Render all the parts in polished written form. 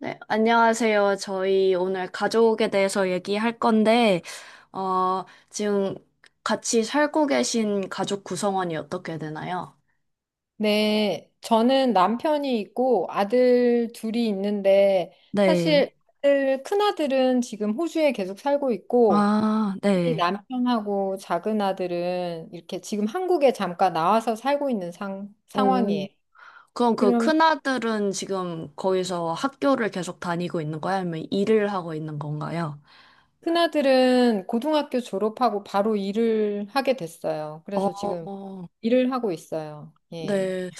네, 안녕하세요. 저희 오늘 가족에 대해서 얘기할 건데, 지금 같이 살고 계신 가족 구성원이 어떻게 되나요? 네, 저는 남편이 있고 아들 둘이 있는데 사실 네. 아들, 큰아들은 지금 호주에 계속 살고 있고 아, 우리 네. 남편하고 작은 아들은 이렇게 지금 한국에 잠깐 나와서 살고 있는 상, 음. 오. 상황이에요. 그럼 그 그러면 큰아들은 지금 거기서 학교를 계속 다니고 있는 거예요? 아니면 일을 하고 있는 건가요? 큰아들은 고등학교 졸업하고 바로 일을 하게 됐어요. 그래서 지금 어, 일을 하고 있어요. 예. 네.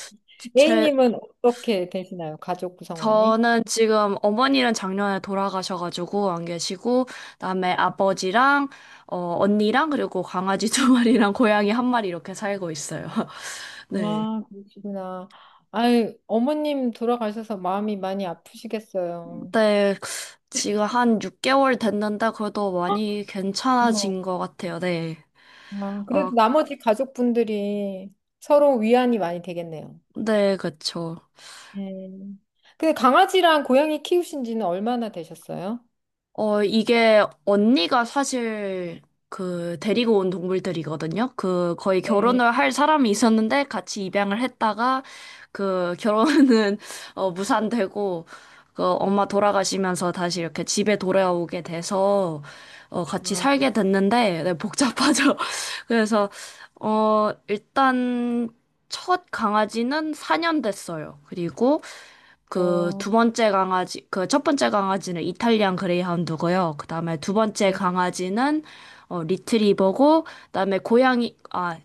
제... A님은 어떻게 되시나요? 가족 구성원이? 저는 지금 어머니는 작년에 돌아가셔가지고 안 계시고, 그다음에 아버지랑, 언니랑, 그리고 강아지 두 마리랑 고양이 한 마리 이렇게 살고 있어요. 네. 와, 그러시구나. 아이, 어머님 돌아가셔서 마음이 많이 아프시겠어요. 네, 지금 한 6개월 됐는데, 그래도 많이 고마워. 괜찮아진 것 같아요. 네. 아, 어, 그래도 나머지 가족분들이 서로 위안이 많이 되겠네요. 네, 그쵸. 네. 근데 강아지랑 고양이 키우신 지는 얼마나 되셨어요? 어, 이게 언니가 사실 그 데리고 온 동물들이거든요. 그 거의 네. 결혼을 할 사람이 있었는데 같이 입양을 했다가 그 결혼은 무산되고 그 엄마 돌아가시면서 다시 이렇게 집에 돌아오게 돼서 같이 아, 살게 됐는데 네, 복잡하죠. 그래서 일단 첫 강아지는 4년 됐어요. 그리고 어, 그 첫 번째 강아지는 이탈리안 그레이하운드고요. 그 다음에 두 번째 네. 강아지는 리트리버고, 그 다음에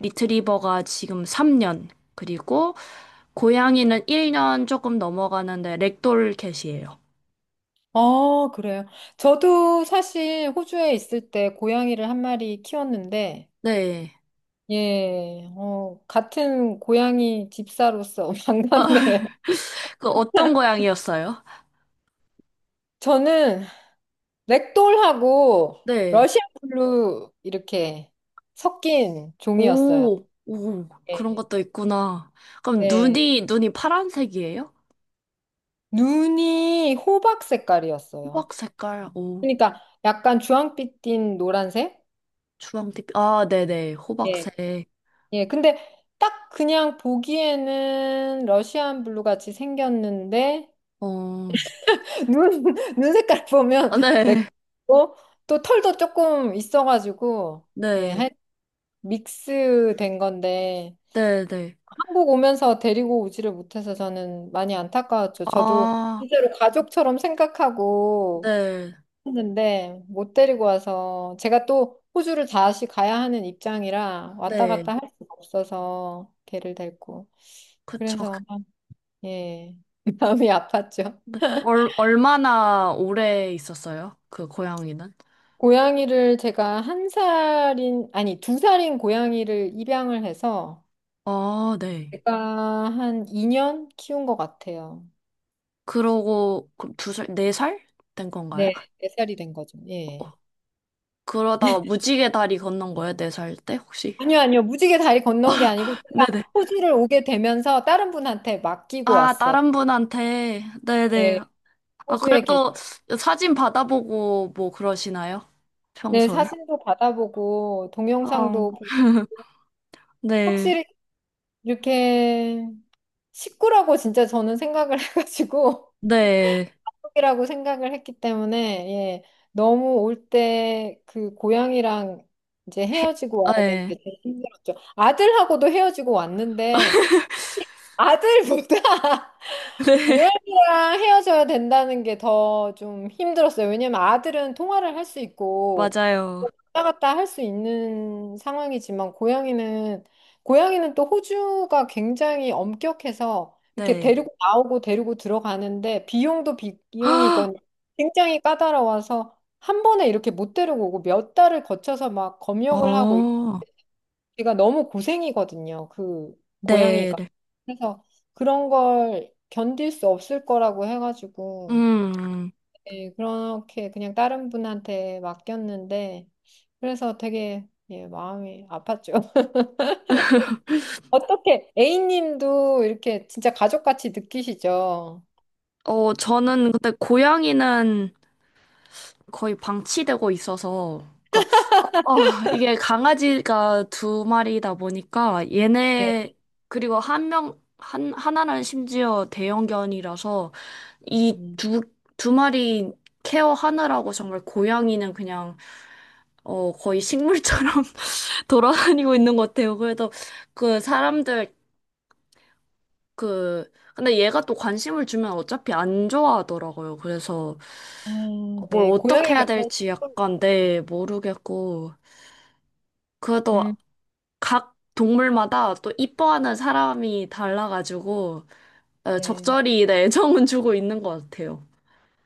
리트리버가 지금 3년, 그리고 고양이는 1년 조금 넘어가는데 렉돌 캣이에요. 어, 그래요. 저도 사실 호주에 있을 때 고양이를 한 마리 키웠는데, 네. 예, 어, 같은 고양이 집사로서 반갑네요. 그 어떤 고양이였어요? 저는 렉돌하고 네. 러시안 블루 이렇게 섞인 종이었어요. 오, 오, 그런 네. 것도 있구나. 그럼 네. 눈이 파란색이에요? 눈이 호박 색깔이었어요. 호박 색깔, 오, 그러니까 약간 주황빛 띤 노란색? 주황빛, 아, 네네, 예. 호박색. 예. 근데 딱 그냥 보기에는 러시안 블루 같이 생겼는데 어, 눈, 눈 색깔 보면 아, 네, 렉돌고 또 털도 조금 있어가지고 예, 네, 한 믹스 된 건데 네, 네, 한국 오면서 데리고 오지를 못해서 저는 많이 안타까웠죠. 저도 아, 진짜로 가족처럼 생각하고 네, 했는데 못 데리고 와서 제가 또 호주를 다시 가야 하는 입장이라 왔다 네, 갔다 할 수가 없어서 걔를 데리고. 그쵸. 그래서 예, 마음이 아팠죠. 네. 얼마나 오래 있었어요? 그 고양이는? 고양이를 제가 한 살인, 아니 두 살인 고양이를 입양을 해서 아, 네. 제가 한 2년 키운 것 같아요. 그러고, 그럼 두 살, 네 살 된 건가요? 네, 4살이 된 거죠. 어, 예. 어. 그러다가 무지개 다리 건넌 거예요? 네 살 때, 혹시? 아니요, 아니요. 무지개 다리 건넌 게 아니고 제가 네네. 호주를 오게 되면서 다른 분한테 맡기고 아, 왔어요. 다른 분한테. 네, 네네. 아, 호주에 그래도 계신. 사진 받아보고 뭐 그러시나요? 네, 평소에? 사진도 받아보고 어, 동영상도 보내주시고 네. 확실히 이렇게 식구라고 진짜 저는 생각을 해가지고 네. 이라고 생각을 했기 때문에 예, 너무 올 때 그 고향이랑 이제 해- 아, 헤어지고 와야 되는 네. 게 제일 힘들었죠. 아들하고도 헤어지고 왔는데 아들보다 네, 고양이랑 헤어져야 된다는 게 더 좀 힘들었어요. 왜냐면 아들은 통화를 할 수 있고 맞아요. 뭐 왔다 갔다 할 수 있는 상황이지만 고양이는 고양이는 또 호주가 굉장히 엄격해서 이렇게 네. 데리고 나오고 데리고 들어가는데 비용도 비용이건 굉장히 까다로워서 한 번에 이렇게 못 데리고 오고 몇 달을 거쳐서 막 검역을 하고 어, 제가 너무 고생이거든요. 그 네. 고양이가. 네. 그래서 그런 걸 견딜 수 없을 거라고 해가지고 음, 예, 그렇게 그냥 다른 분한테 맡겼는데 그래서 되게 예, 마음이 아팠죠. 어떻게 A님도 이렇게 진짜 가족같이 느끼시죠? 어, 저는 근데 고양이는 거의 방치되고 있어서, 그러니까, 어, 이게 강아지가 두 마리다 보니까 네. 얘네, 그리고 한 명, 하나는 심지어 대형견이라서 이 음. 두, 두 마리 케어하느라고 정말 고양이는 그냥, 어, 거의 식물처럼 돌아다니고 있는 것 같아요. 그래서 그 사람들 그 근데 얘가 또 관심을 주면 어차피 안 좋아하더라고요. 그래서 아, 뭘 네. 어떻게 해야 고양이가 그런 될지 슬픔이 약간 네 모르겠고 그래도 음, 각 동물마다 또 이뻐하는 사람이 달라가지고 어, 네. 적절히 네, 애정은 주고 있는 것 같아요.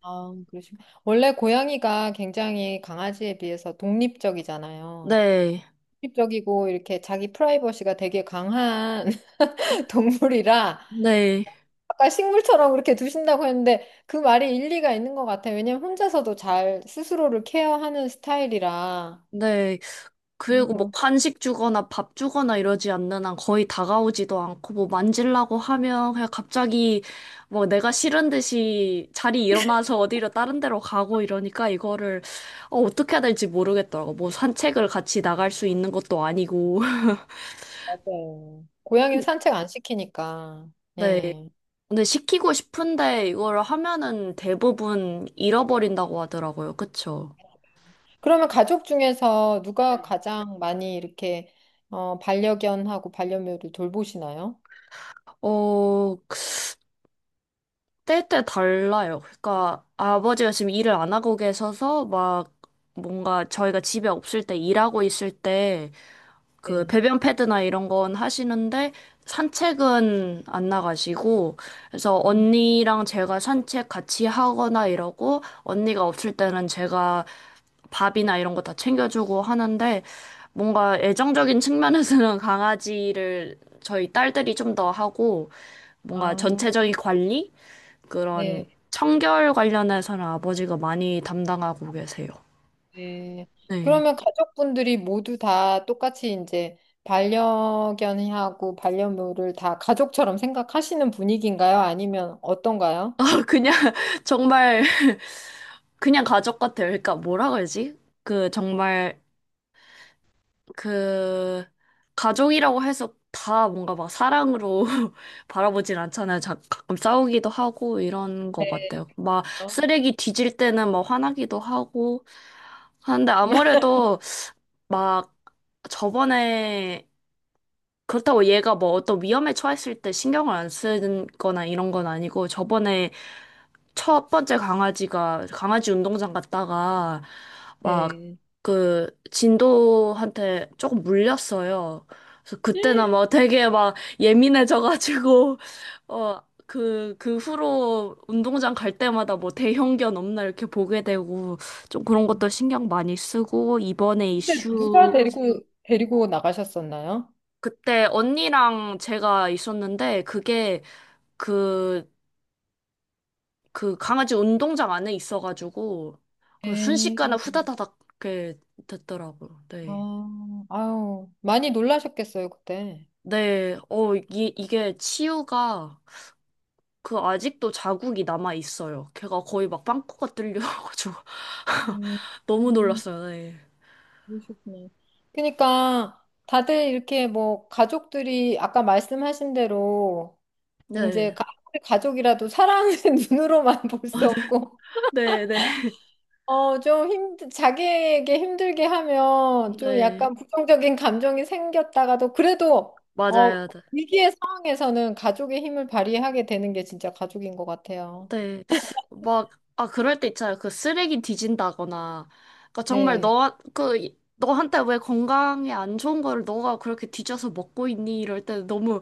아, 그러시고. 원래 고양이가 굉장히 강아지에 비해서 독립적이잖아요. 네, 독립적이고 이렇게 자기 프라이버시가 되게 강한 동물이라 네, 아까 식물처럼 그렇게 두신다고 했는데 그 말이 일리가 있는 것 같아요. 왜냐면 혼자서도 잘 스스로를 케어하는 스타일이라. 네. 그리고 뭐 그래서 간식 주거나 밥 주거나 이러지 않는 한 거의 다가오지도 않고 뭐 만지려고 하면 그냥 갑자기 뭐 내가 싫은 듯이 자리 일어나서 어디로 다른 데로 가고 이러니까 이거를 어떻게 해야 될지 모르겠더라고. 뭐 산책을 같이 나갈 수 있는 것도 아니고. 맞아요. 고양이는 산책 안 시키니까. 네. 예. 근데 시키고 싶은데 이걸 하면은 대부분 잃어버린다고 하더라고요. 그쵸? 그러면 가족 중에서 누가 네. 가장 많이 이렇게 어, 반려견하고 반려묘를 돌보시나요? 어, 때때 달라요. 그러니까 아버지가 지금 일을 안 하고 계셔서 막 뭔가 저희가 집에 없을 때 일하고 있을 때 그 네. 배변 패드나 이런 건 하시는데 산책은 안 나가시고 그래서 음. 언니랑 제가 산책 같이 하거나 이러고 언니가 없을 때는 제가 밥이나 이런 거 다 챙겨주고 하는데 뭔가 애정적인 측면에서는 강아지를 저희 딸들이 좀 더 하고 뭔가 아, 전체적인 관리? 그런 네. 청결 관련해서는 아버지가 많이 담당하고 계세요. 네. 네. 그러면 가족분들이 모두 다 똑같이 이제 반려견하고 반려묘를 다 가족처럼 생각하시는 분위기인가요? 아니면 어떤가요? 그냥 정말 그냥 가족 같아요. 그러니까 뭐라 그러지? 그 정말 그 가족이라고 해서 다 뭔가 막 사랑으로 바라보진 않잖아요. 자, 가끔 싸우기도 하고 이런 것 같아요. 막 어. 쓰레기 뒤질 때는 막 화나기도 하고 하는데 아무래도 막 저번에 그렇다고 얘가 뭐 어떤 위험에 처했을 때 신경을 안 쓰는 거나 이런 건 아니고 저번에 첫 번째 강아지가 강아지 운동장 갔다가 막 네. 그 진도한테 조금 물렸어요. 그래서 그때는 막 되게 막 예민해져가지고 어 그 후로 운동장 갈 때마다 뭐 대형견 없나 이렇게 보게 되고 좀 그런 것도 신경 많이 쓰고 이번에 근데 누가 이슈 데리고 나가셨었나요? 그때 언니랑 제가 있었는데 그게 그, 그 강아지 운동장 안에 있어가지고 그 네. 순식간에 후다다닥 이렇게 됐더라고요. 네. 아, 아유, 많이 놀라셨겠어요, 그때. 네, 어, 이, 이게 치유가 그 아직도 자국이 남아 있어요. 걔가 거의 막 빵꾸가 뚫려가지고 음, 너무 음, 놀랐어요. 네. 그러셨구나. 그러니까 다들 이렇게 뭐 가족들이 아까 말씀하신 대로 이제 네. 가족이라도 사랑은 눈으로만 볼 수 없고 네, 네. 어 좀 힘 자기에게 힘들게 하면 좀 네. 약간 부정적인 감정이 생겼다가도 그래도 어 맞아요. 위기의 상황에서는 가족의 힘을 발휘하게 되는 게 진짜 가족인 것 같아요. 네. 막, 아, 그럴 때 있잖아요. 그 쓰레기 뒤진다거나. 그러니까 정말 네, 너, 그, 너한테 왜 건강에 안 좋은 거를 너가 그렇게 뒤져서 먹고 있니? 이럴 때 너무,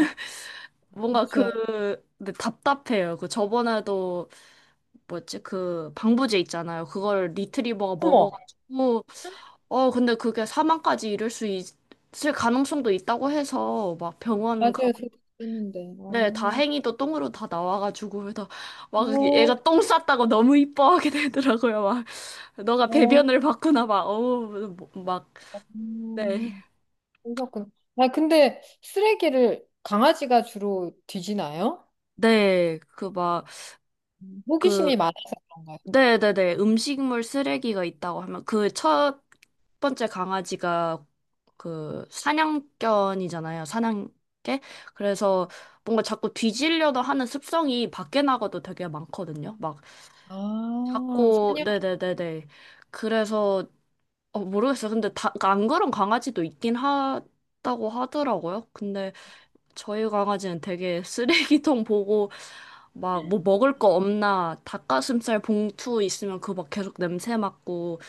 아, 뭔가 그렇죠. 그, 네, 답답해요. 그 저번에도, 뭐였지? 그 방부제 있잖아요. 그걸 리트리버가 어머, 먹어가지고, 어, 근데 그게 사망까지 이를 수 있, 을 가능성도 있다고 해서 막 병원 맞아요. 저도 그랬는데. 네, 어, 다행히도 똥으로 다 나와가지고, 그래서 막 어, 얘가 똥 쌌다고 너무 이뻐하게 되더라고요. 막, 너가 어, 배변을 봤구나, 막, 어우, 뭐, 막, 네. 음, 그러셨구나. 아, 근데 쓰레기를 강아지가 주로 뒤지나요? 네, 그 막, 그, 호기심이 많아서 네네네, 음식물 쓰레기가 있다고 하면, 그 첫 번째 강아지가 그 사냥견이잖아요, 사냥개? 그래서 뭔가 자꾸 뒤지려다 하는 습성이 밖에 나가도 되게 많거든요. 막, 아, 자꾸, 선녀 네네네네. 그래서 어, 모르겠어요. 근데 다, 그러니까 안 그런 강아지도 있긴 하다고 하더라고요. 근데 저희 강아지는 되게 쓰레기통 보고 막 뭐 먹을 거 없나 닭가슴살 봉투 있으면 그거 막 계속 냄새 맡고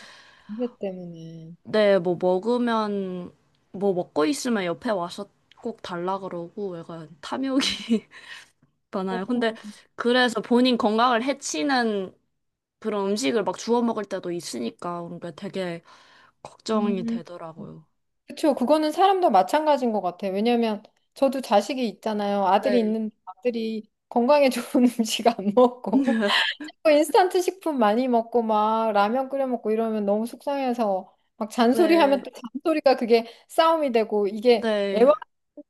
관계 때문에. 네, 뭐 먹고 있으면 옆에 와서 꼭 달라 그러고 약간 탐욕이 음, 많아요. 그렇구나. 근데 그래서 본인 건강을 해치는 그런 음식을 막 주워 먹을 때도 있으니까 그러니까 되게 걱정이 음. 되더라고요. 그쵸. 그거는 사람도 마찬가지인 것 같아요. 왜냐면 저도 자식이 있잖아요. 아들이 네. 있는데 아들이 건강에 좋은 음식 안 먹고 뭐 인스턴트 식품 많이 먹고 막 라면 끓여 먹고 이러면 너무 속상해서 막 잔소리하면 네, 또 잔소리가 그게 싸움이 되고 이게 네, 애완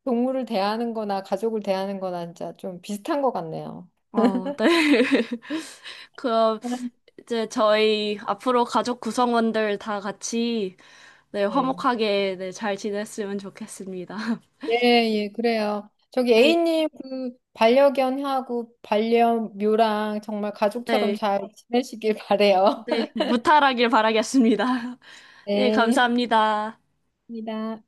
동물을 대하는 거나 가족을 대하는 거나 진짜 좀 비슷한 것 같네요. 어, 네. 그럼 이제 저희 앞으로 가족 구성원들 다 같이 네, 네. 화목하게 네, 잘 지냈으면 좋겠습니다. 예, 예, 그래요. 저기 네, A님 그 반려견하고 반려묘랑 정말 가족처럼 네, 잘 지내시길 바래요. 네, 무탈하길 바라겠습니다. 네, 네, 감사합니다. 입니다.